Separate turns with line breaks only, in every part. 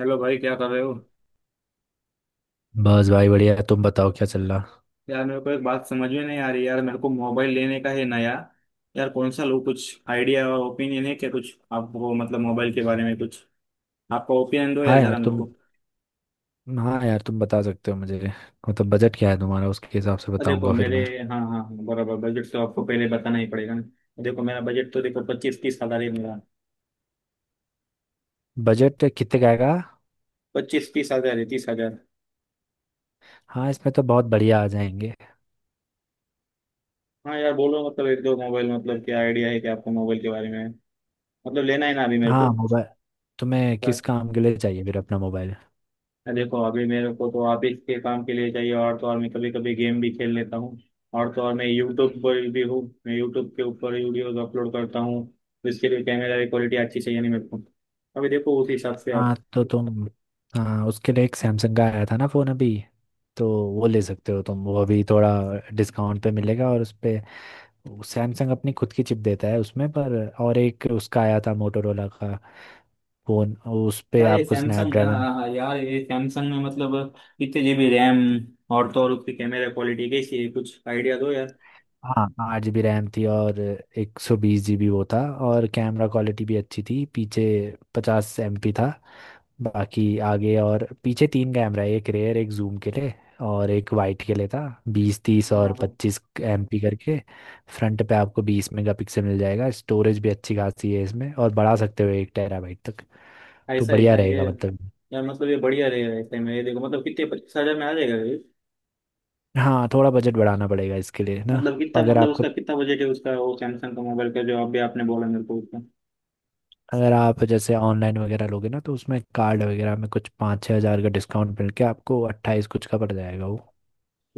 Hello भाई, क्या कर रहे हो?
बस भाई बढ़िया। तुम बताओ क्या चल रहा।
यार, मेरे को एक बात समझ में नहीं आ रही। यार, मेरे को मोबाइल लेने का है नया। यार, कौन सा लो? कुछ आइडिया और ओपिनियन है क्या? कुछ आपको मतलब मोबाइल के बारे में कुछ आपका ओपिनियन दो यार
हाँ यार
जरा मेरे
तुम
को।
हाँ यार तुम बता सकते हो मुझे। मतलब बजट क्या है तुम्हारा, उसके हिसाब से
देखो
बताऊंगा फिर
मेरे
मैं।
हाँ हाँ हाँ, बराबर बजट तो आपको पहले बताना ही पड़ेगा ना। देखो, मेरा बजट तो देखो 25-30 हजार है मेरा।
बजट कितने का आएगा?
25-30 हजार है, 30 हजार।
हाँ, इसमें तो बहुत बढ़िया आ जाएंगे।
हाँ यार, बोलो मतलब एक दो मोबाइल, मतलब क्या आइडिया है क्या आपको मोबाइल के बारे में? मतलब लेना है ना अभी मेरे
हाँ,
को।
मोबाइल तुम्हें किस काम के लिए चाहिए फिर अपना मोबाइल?
देखो, अभी मेरे को तो ऑफिस के काम के लिए चाहिए और तो और मैं कभी कभी गेम भी खेल लेता हूँ और तो और मैं यूट्यूब पर भी हूँ। मैं यूट्यूब के ऊपर वीडियोज अपलोड करता हूँ। तो इसके लिए कैमरा की क्वालिटी अच्छी चाहिए नहीं मेरे को। अभी देखो उस हिसाब से
हाँ
आप।
तो तुम, हाँ उसके लिए एक सैमसंग का आया था ना फ़ोन अभी, तो वो ले सकते हो तुम। वो अभी थोड़ा डिस्काउंट पे मिलेगा और उस पे सैमसंग अपनी खुद की चिप देता है उसमें। पर और एक उसका आया था मोटोरोला का फोन, उस पे
यार ये
आपको
सैमसंग, यार
स्नैपड्रैगन।
हाँ, यार ये सैमसंग में मतलब कितने जीबी रैम? और तो और उसकी कैमरा क्वालिटी कैसी है? कुछ आइडिया दो यार।
हाँ 8 जी रैम थी और 120 जी बी वो था। और कैमरा क्वालिटी भी अच्छी थी। पीछे 50 एम पी था। बाकी आगे और पीछे 3 कैमरा है, एक रेयर, एक जूम के लिए और एक वाइट के लिए था। बीस तीस
हाँ
और
हाँ हाँ।
पच्चीस एम पी करके। फ्रंट पे आपको 20 मेगा पिक्सल मिल जाएगा। स्टोरेज भी अच्छी खासी है इसमें, और बढ़ा सकते हो एक टेराबाइट तक। तो
ऐसा है
बढ़िया
क्या ये?
रहेगा मतलब।
यार मतलब ये बढ़िया रहेगा ऐसे में ये, देखो मतलब कितने, 25 हजार में आ जाएगा?
हाँ थोड़ा बजट बढ़ाना पड़ेगा इसके लिए ना।
मतलब कितना,
अगर
मतलब
आपका,
उसका कितना बजट है उसका, वो सैमसंग का मोबाइल का जो अभी आपने बोला मेरे को उसका?
अगर आप जैसे ऑनलाइन वगैरह लोगे ना, तो उसमें कार्ड वगैरह में कुछ 5-6 हज़ार का डिस्काउंट मिल के आपको 28 कुछ का पड़ जाएगा वो।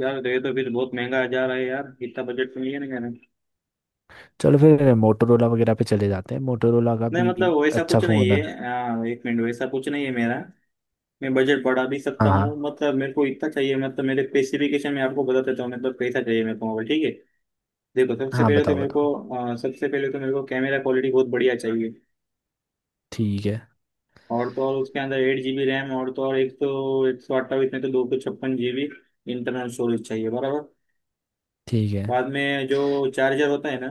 यार तो ये तो फिर बहुत महंगा जा रहा है यार, इतना बजट तो नहीं है ना कहना।
चलो फिर मोटोरोला वगैरह पे चले जाते हैं। मोटोरोला का
नहीं
भी
मतलब वैसा
अच्छा
कुछ नहीं
फ़ोन है।
है। हाँ, एक मिनट, वैसा कुछ नहीं है मेरा। मैं बजट बढ़ा भी सकता
हाँ
हूँ,
हाँ
मतलब मेरे को इतना चाहिए। मतलब मेरे स्पेसिफिकेशन मैं आपको बता देता हूँ मतलब कैसा चाहिए मेरे को मोबाइल, ठीक है? देखो, सबसे
हाँ,
पहले तो
बताओ
मेरे
बताओ।
को, सबसे पहले तो मेरे को कैमरा क्वालिटी बहुत बढ़िया चाहिए।
ठीक है।
और तो और उसके अंदर 8 जीबी रैम, और तो और एक सौ अट्ठाईस में तो 256 जीबी इंटरनल स्टोरेज चाहिए बराबर।
ठीक है।
बाद में जो चार्जर होता है ना,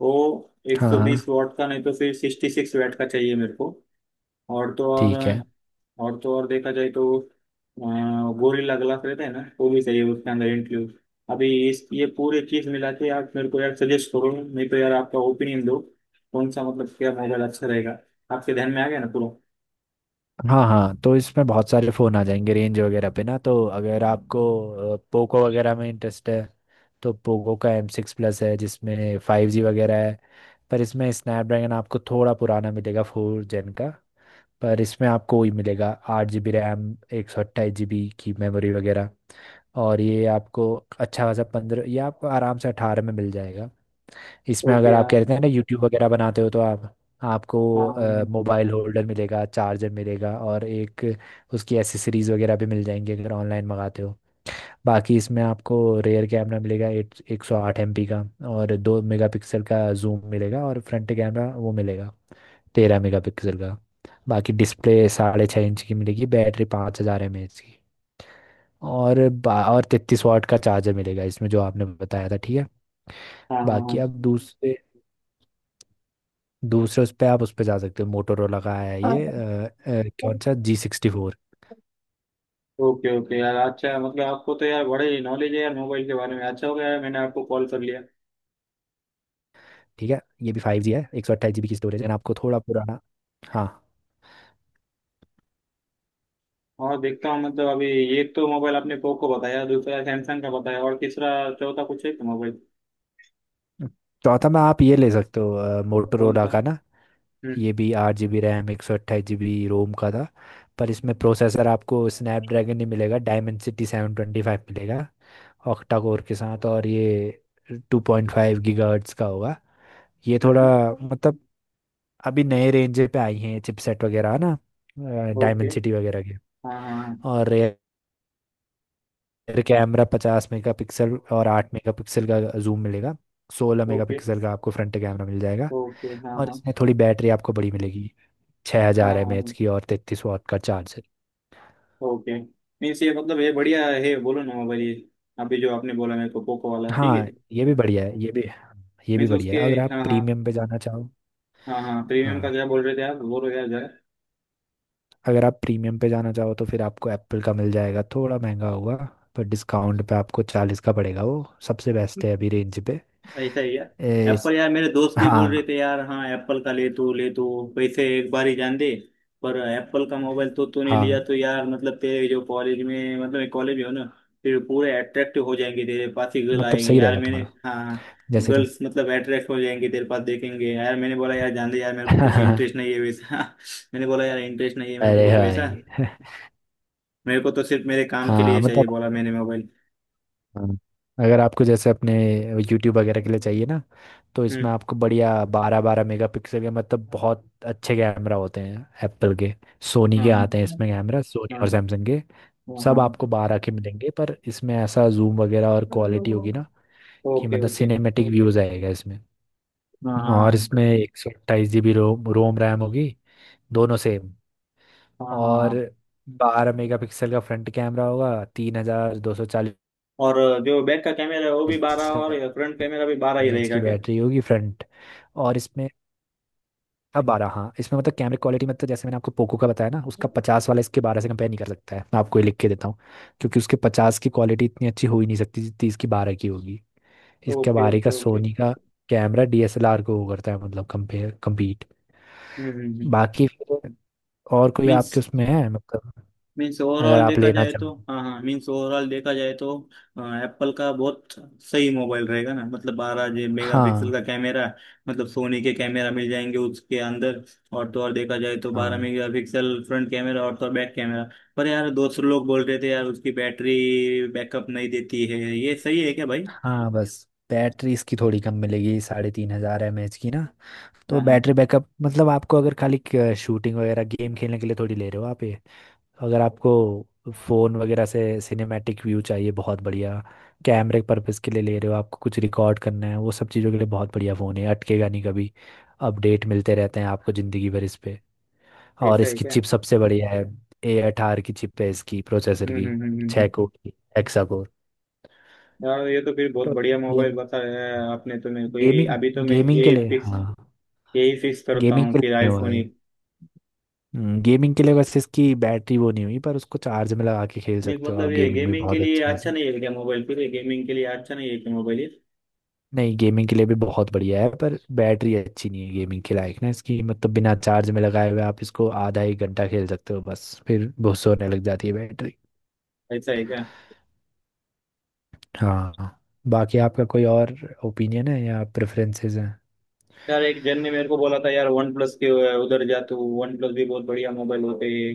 वो
हाँ हाँ।
120 वॉट का, नहीं तो फिर 66 वॉट का चाहिए मेरे को। और तो और
ठीक है।
और तो और, देखा जाए तो गोरिल्ला ग्लास रहता है ना, वो भी चाहिए उसके अंदर इंक्लूड। अभी इस ये पूरी चीज मिला के आप मेरे को यार सजेस्ट करो, नहीं तो यार आपका ओपिनियन दो। कौन सा मतलब क्या मोबाइल अच्छा रहेगा? आपके ध्यान में आ गया ना पूरा?
हाँ हाँ, तो इसमें बहुत सारे फ़ोन आ जाएंगे रेंज वगैरह पे ना। तो अगर आपको पोको वगैरह में इंटरेस्ट है, तो पोको का एम सिक्स प्लस है जिसमें फाइव जी वगैरह है। पर इसमें स्नैपड्रैगन आपको थोड़ा पुराना मिलेगा, फोर जेन का। पर इसमें आपको वही मिलेगा, 8 जी बी रैम, 128 जी बी की मेमोरी वगैरह। और ये आपको अच्छा खासा 15, ये आपको आराम से 18 में मिल जाएगा। इसमें
ओके
अगर आप
यार।
कह रहे थे ना यूट्यूब वगैरह बनाते हो, तो आप, आपको
हाँ
मोबाइल होल्डर मिलेगा, चार्जर मिलेगा और एक उसकी एसेसरीज वगैरह भी मिल जाएंगी अगर ऑनलाइन मंगाते हो। बाकी इसमें आपको रेयर कैमरा मिलेगा एक 108 एम पी का, और 2 मेगापिक्सल का जूम मिलेगा, और फ्रंट कैमरा वो मिलेगा 13 मेगापिक्सल का। बाकी डिस्प्ले 6.5 इंच की मिलेगी, बैटरी 5000 एम एच की, और और 33 वाट का चार्जर मिलेगा इसमें, जो आपने बताया था ठीक है।
हाँ
बाकी
हाँ।
आप दूसरे दूसरे उस पर आप उस पर जा सकते हो, मोटोरोला का है ये,
हाँ हाँ।
कौन सा G sixty four.
Okay okay यार, अच्छा है। मतलब आपको तो यार बड़े ही नॉलेज है यार मोबाइल के बारे में। अच्छा हो गया यार मैंने आपको कॉल कर लिया,
ठीक है, ये भी फाइव जी है, 128 जी बी की स्टोरेज है। and आपको थोड़ा पुराना। हाँ,
और देखता हूँ मतलब अभी। एक तो मोबाइल आपने पोको बताया, दूसरा सैमसंग का बताया, और तीसरा चौथा कुछ है क्या मोबाइल?
चौथा में आप ये ले सकते हो
कौन
मोटोरोला
सा?
का ना।
हम्म।
ये भी 8 जी बी रैम, 128 जी बी रोम का था। पर इसमें प्रोसेसर आपको स्नैपड्रैगन नहीं मिलेगा, डायमेंसिटी सेवन ट्वेंटी फाइव मिलेगा, ऑक्टा कोर के साथ। और ये 2.5 गीगाहर्ट्ज का होगा। ये
हम्म
थोड़ा,
हम्म।
मतलब अभी नए रेंज पे आई हैं चिपसेट वगैरह है ना,
ओके।
डायमेंसिटी वगैरह के।
हाँ हाँ हाँ।
और रियर कैमरा 50 मेगा पिक्सल और 8 मेगा पिक्सल का जूम मिलेगा। सोलह मेगा
ओके
पिक्सल का आपको फ्रंट कैमरा मिल जाएगा।
ओके, हाँ
और
हाँ।
इसमें थोड़ी बैटरी आपको बड़ी मिलेगी, 6000
हाँ
हजार
हाँ
एम एच
हाँ।
की और 33 वॉट का चार्ज।
ओके। मीन्स ये, मतलब ये बढ़िया है बोलो ना मोबाइल ये? अभी जो आपने बोला मेरे को पोको वाला ठीक है।
हाँ, ये भी बढ़िया है, ये भी, ये भी
मीन्स उसके,
बढ़िया है अगर आप
हाँ हाँ।
प्रीमियम पे जाना चाहो।
हाँ हाँ, प्रीमियम का
हाँ,
क्या बोल रहे थे आप, बोलो यार जरा।
अगर आप प्रीमियम पे जाना चाहो तो फिर आपको एप्पल का मिल जाएगा, थोड़ा महंगा होगा। पर डिस्काउंट पे आपको 40 का पड़ेगा, वो सबसे बेस्ट है अभी रेंज पे।
ऐसा ही है?
ए, इस-
एप्पल, यार मेरे दोस्त भी बोल रहे
हाँ
थे यार, हाँ एप्पल का ले तो, ले तो, पैसे एक बार ही जान दे। पर एप्पल का मोबाइल तो तूने लिया
हाँ,
तो यार, मतलब तेरे जो कॉलेज में मतलब कॉलेज में हो ना, फिर पूरे अट्रैक्टिव हो जाएंगे तेरे पास ही गर्ल
मतलब
आएंगे
सही
यार,
रहेगा
मैंने।
तुम्हारा,
हाँ,
जैसे तुम।
गर्ल्स मतलब अट्रैक्ट हो जाएंगे तेरे पास देखेंगे यार, मैंने बोला यार जान दे यार, मेरे को कुछ इंटरेस्ट नहीं है वैसा। मैंने बोला यार इंटरेस्ट नहीं है मेरे को
अरे
कुछ वैसा।
भाई।
मेरे को तो सिर्फ मेरे काम के
हाँ
लिए चाहिए,
मतलब,
बोला मैंने मोबाइल।
हाँ, अगर आपको जैसे अपने यूट्यूब वगैरह के लिए चाहिए ना, तो इसमें
हम्म।
आपको बढ़िया 12-12 मेगापिक्सल के मतलब बहुत अच्छे कैमरा होते हैं एप्पल के। सोनी
हाँ
के
हाँ
आते हैं
हाँ।
इसमें कैमरा, सोनी और
हाँ
सैमसंग के।
हाँ
सब
हाँ।
आपको बारह के मिलेंगे, पर इसमें ऐसा जूम वगैरह और क्वालिटी होगी ना, कि
ओके
मतलब
ओके।
सिनेमेटिक व्यूज आएगा इसमें।
हाँ
और
हाँ
इसमें 128 जी बी रोम रोम रैम होगी, दोनों सेम।
हाँ हाँ
और
हाँ।
12 मेगापिक्सल का फ्रंट कैमरा होगा। तीन हजार दो सौ
और जो बैक का कैमरा है वो भी बारह और
चालीस
फ्रंट कैमरा भी बारह ही
एमएच
रहेगा
की
क्या?
बैटरी होगी, फ्रंट। और इसमें अब 12, हाँ इसमें मतलब कैमरे क्वालिटी, मतलब जैसे मैंने आपको पोको का बताया ना उसका 50 वाला, इसके 12 से कंपेयर नहीं कर सकता है। मैं आपको ये लिख के देता हूँ, क्योंकि उसके 50 की क्वालिटी इतनी अच्छी हो ही नहीं सकती जितनी इसकी 12 की होगी। इसके
ओके
बारह का
ओके ओके।
सोनी का कैमरा डीएसएलआर को वो करता है मतलब कंपेयर, कम्पीट।
हम्म।
बाकी फिर और कोई आपके
मीन्स
उसमें है मतलब,
मीन्स
अगर
ओवरऑल
आप
देखा
लेना
जाए
चाहो
तो,
तो।
हाँ हाँ, मीन्स ओवरऑल देखा जाए तो एप्पल का बहुत सही मोबाइल रहेगा ना? मतलब बारह जी मेगा पिक्सल का
हाँ
कैमरा, मतलब सोनी के कैमरा मिल जाएंगे उसके अंदर। और तो और देखा जाए तो बारह
हाँ
मेगा पिक्सल फ्रंट कैमरा और तो और बैक कैमरा। पर यार दोस्त लोग बोल रहे थे यार उसकी बैटरी बैकअप नहीं देती है, ये सही है क्या भाई?
हाँ, बस बैटरी इसकी थोड़ी कम मिलेगी, 3500 एम एच की ना। तो
हाँ हाँ।
बैटरी बैकअप मतलब आपको अगर खाली शूटिंग वगैरह, गेम खेलने के लिए थोड़ी ले रहे हो आप ये। अगर आपको फोन वगैरह से सिनेमैटिक व्यू चाहिए, बहुत बढ़िया कैमरे पर्पस के लिए ले रहे हो, आपको कुछ रिकॉर्ड करना है, वो सब चीज़ों के लिए बहुत बढ़िया फ़ोन है, अटकेगा नहीं कभी। अपडेट मिलते रहते हैं आपको ज़िंदगी भर इस पे। और
ऐसा है
इसकी
क्या?
चिप सबसे बढ़िया है। A18 की चिप है इसकी, प्रोसेसर
हम्म हम्म
की।
हम्म हम्म,
छः
हम्म।
कोर की, हेक्सा कोर।
यार ये तो फिर बहुत
तो
बढ़िया मोबाइल
गेम
बताया है आपने तो मेरे को, यही
गेमिंग
अभी तो मैं
गेमिंग के
यही
लिए
फिक्स,
हाँ,
यही फिक्स करता
गेमिंग
हूँ
के लिए
फिर
नहीं हुआ
आईफोन
है।
ही।
गेमिंग के लिए वैसे इसकी बैटरी वो नहीं हुई, पर उसको चार्ज में लगा के खेल
नहीं
सकते हो आप,
मतलब, ये
गेमिंग भी
गेमिंग के
बहुत
लिए
अच्छी
अच्छा
मजे।
नहीं है क्या मोबाइल? फिर ये गेमिंग के लिए अच्छा नहीं है क्या मोबाइल ये?
नहीं, गेमिंग के लिए भी बहुत बढ़िया है, पर बैटरी अच्छी नहीं है गेमिंग के लायक ना इसकी। मतलब बिना चार्ज में लगाए हुए आप इसको आधा एक घंटा खेल सकते हो, बस फिर बहुत होने लग जाती है बैटरी।
ऐसा है क्या?
हाँ, बाकी आपका कोई और ओपिनियन है या प्रेफरेंसेस हैं?
यार एक जन ने मेरे को बोला था यार वन प्लस के उधर जा तू, वन प्लस भी बहुत बढ़िया मोबाइल होते हैं।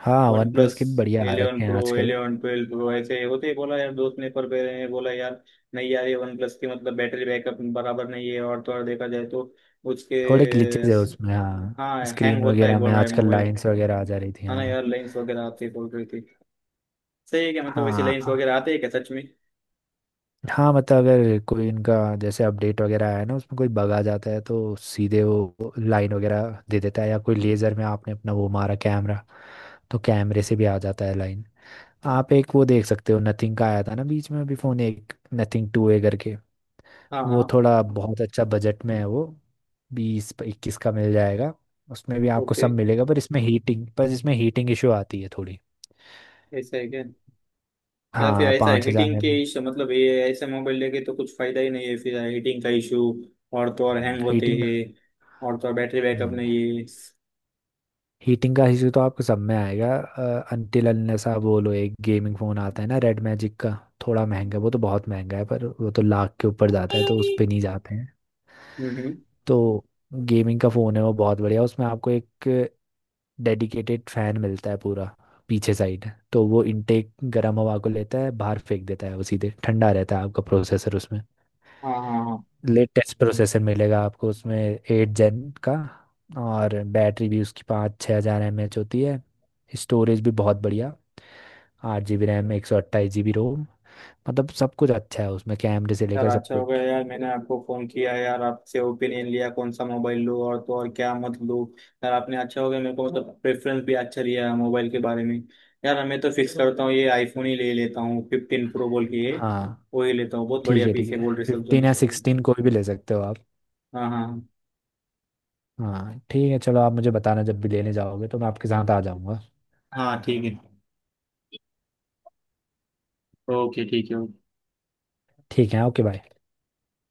हाँ,
वन
वन प्लस
प्लस
के भी बढ़िया आ
एलेवन
रखे हैं
प्रो
आजकल।
11 12 प्रो ऐसे होते ही, बोला यार दोस्त ने। पर पहले ने बोला यार, नहीं यार ये वन प्लस की मतलब बैटरी बैकअप बराबर नहीं है और थोड़ा देखा जाए तो उसके,
थोड़े ग्लिचेज है उसमें, हाँ
हाँ हैंग
स्क्रीन
होता है
वगैरह
बोल
में
रहा है
आजकल
मोबाइल,
लाइंस वगैरह आ जा रही थी,
है ना
हाँ।
यार, लाइन्स वगैरह आती है बोल रही थी। सही है क्या मतलब, वैसे
हाँ
लाइन्स वगैरह आते हैं क्या सच में?
हाँ, मतलब अगर कोई इनका जैसे अपडेट वगैरह आया ना, उसमें कोई बग आ जाता है तो सीधे वो लाइन वगैरह दे देता है। या कोई लेज़र में आपने अपना वो मारा कैमरा, तो कैमरे से भी आ जाता है लाइन। आप एक वो देख सकते हो, नथिंग का आया था ना बीच में अभी फ़ोन, एक नथिंग टू ए करके।
हाँ
वो
हाँ।
थोड़ा बहुत अच्छा बजट में है वो, 20-21 का मिल जाएगा। उसमें भी आपको
ओके।
सब मिलेगा, पर इसमें हीटिंग, पर इसमें हीटिंग इशू आती है थोड़ी।
ऐसा है क्या? या फिर
हाँ,
ऐसा
पाँच
हीटिंग
हज़ार
के
एम
इश्यू, मतलब ये ऐसे मोबाइल लेके तो कुछ फायदा ही नहीं है फिर, हीटिंग का इशू और तो और हैंग होते
हीटिंग,
हैं और तो और बैटरी बैकअप नहीं
हीटिंग का इशू तो आपको सब में आएगा। अनटिल अनलेस आप वो लो, एक गेमिंग फोन आता है ना रेड मैजिक का। थोड़ा महंगा है, वो तो बहुत महंगा है, पर वो तो लाख के ऊपर जाता है, तो उस
है।
पे नहीं जाते हैं।
हम्म।
तो गेमिंग का फोन है वो बहुत बढ़िया। उसमें आपको एक डेडिकेटेड फैन मिलता है पूरा पीछे साइड, तो वो इनटेक गर्म हवा को लेता है बाहर फेंक देता है, वो सीधे ठंडा रहता है आपका प्रोसेसर उसमें।
हाँ हाँ हाँ।
लेटेस्ट प्रोसेसर मिलेगा आपको उसमें, 8 जेन का। और बैटरी भी उसकी 5-6 हज़ार एम एच होती है। स्टोरेज भी बहुत बढ़िया, 8 जी बी रैम, एक सौ अट्ठाईस जी बी रोम। मतलब सब कुछ अच्छा है उसमें, कैमरे से
यार
लेकर सब
अच्छा हो गया
कुछ।
यार मैंने आपको फोन किया यार, आपसे ओपिनियन लिया कौन सा मोबाइल लूँ और तो और क्या मत लूँ। यार आपने अच्छा हो गया मेरे को, मतलब प्रेफरेंस भी अच्छा लिया मोबाइल के बारे में। यार मैं तो फिक्स करता हूँ ये, आईफोन ही ले लेता हूँ 15 प्रो बोल के ये,
हाँ
वही लेता हूँ। बहुत
ठीक
बढ़िया
है,
पीस
ठीक
है
है,
बोल रहे सब जन।
15 या 16 कोई भी ले सकते हो आप।
हाँ हाँ
हाँ ठीक है, चलो आप मुझे बताना जब भी लेने जाओगे तो मैं आपके साथ आ जाऊँगा।
हाँ। ठीक है, ओके ठीक है।
ठीक है, ओके बाय।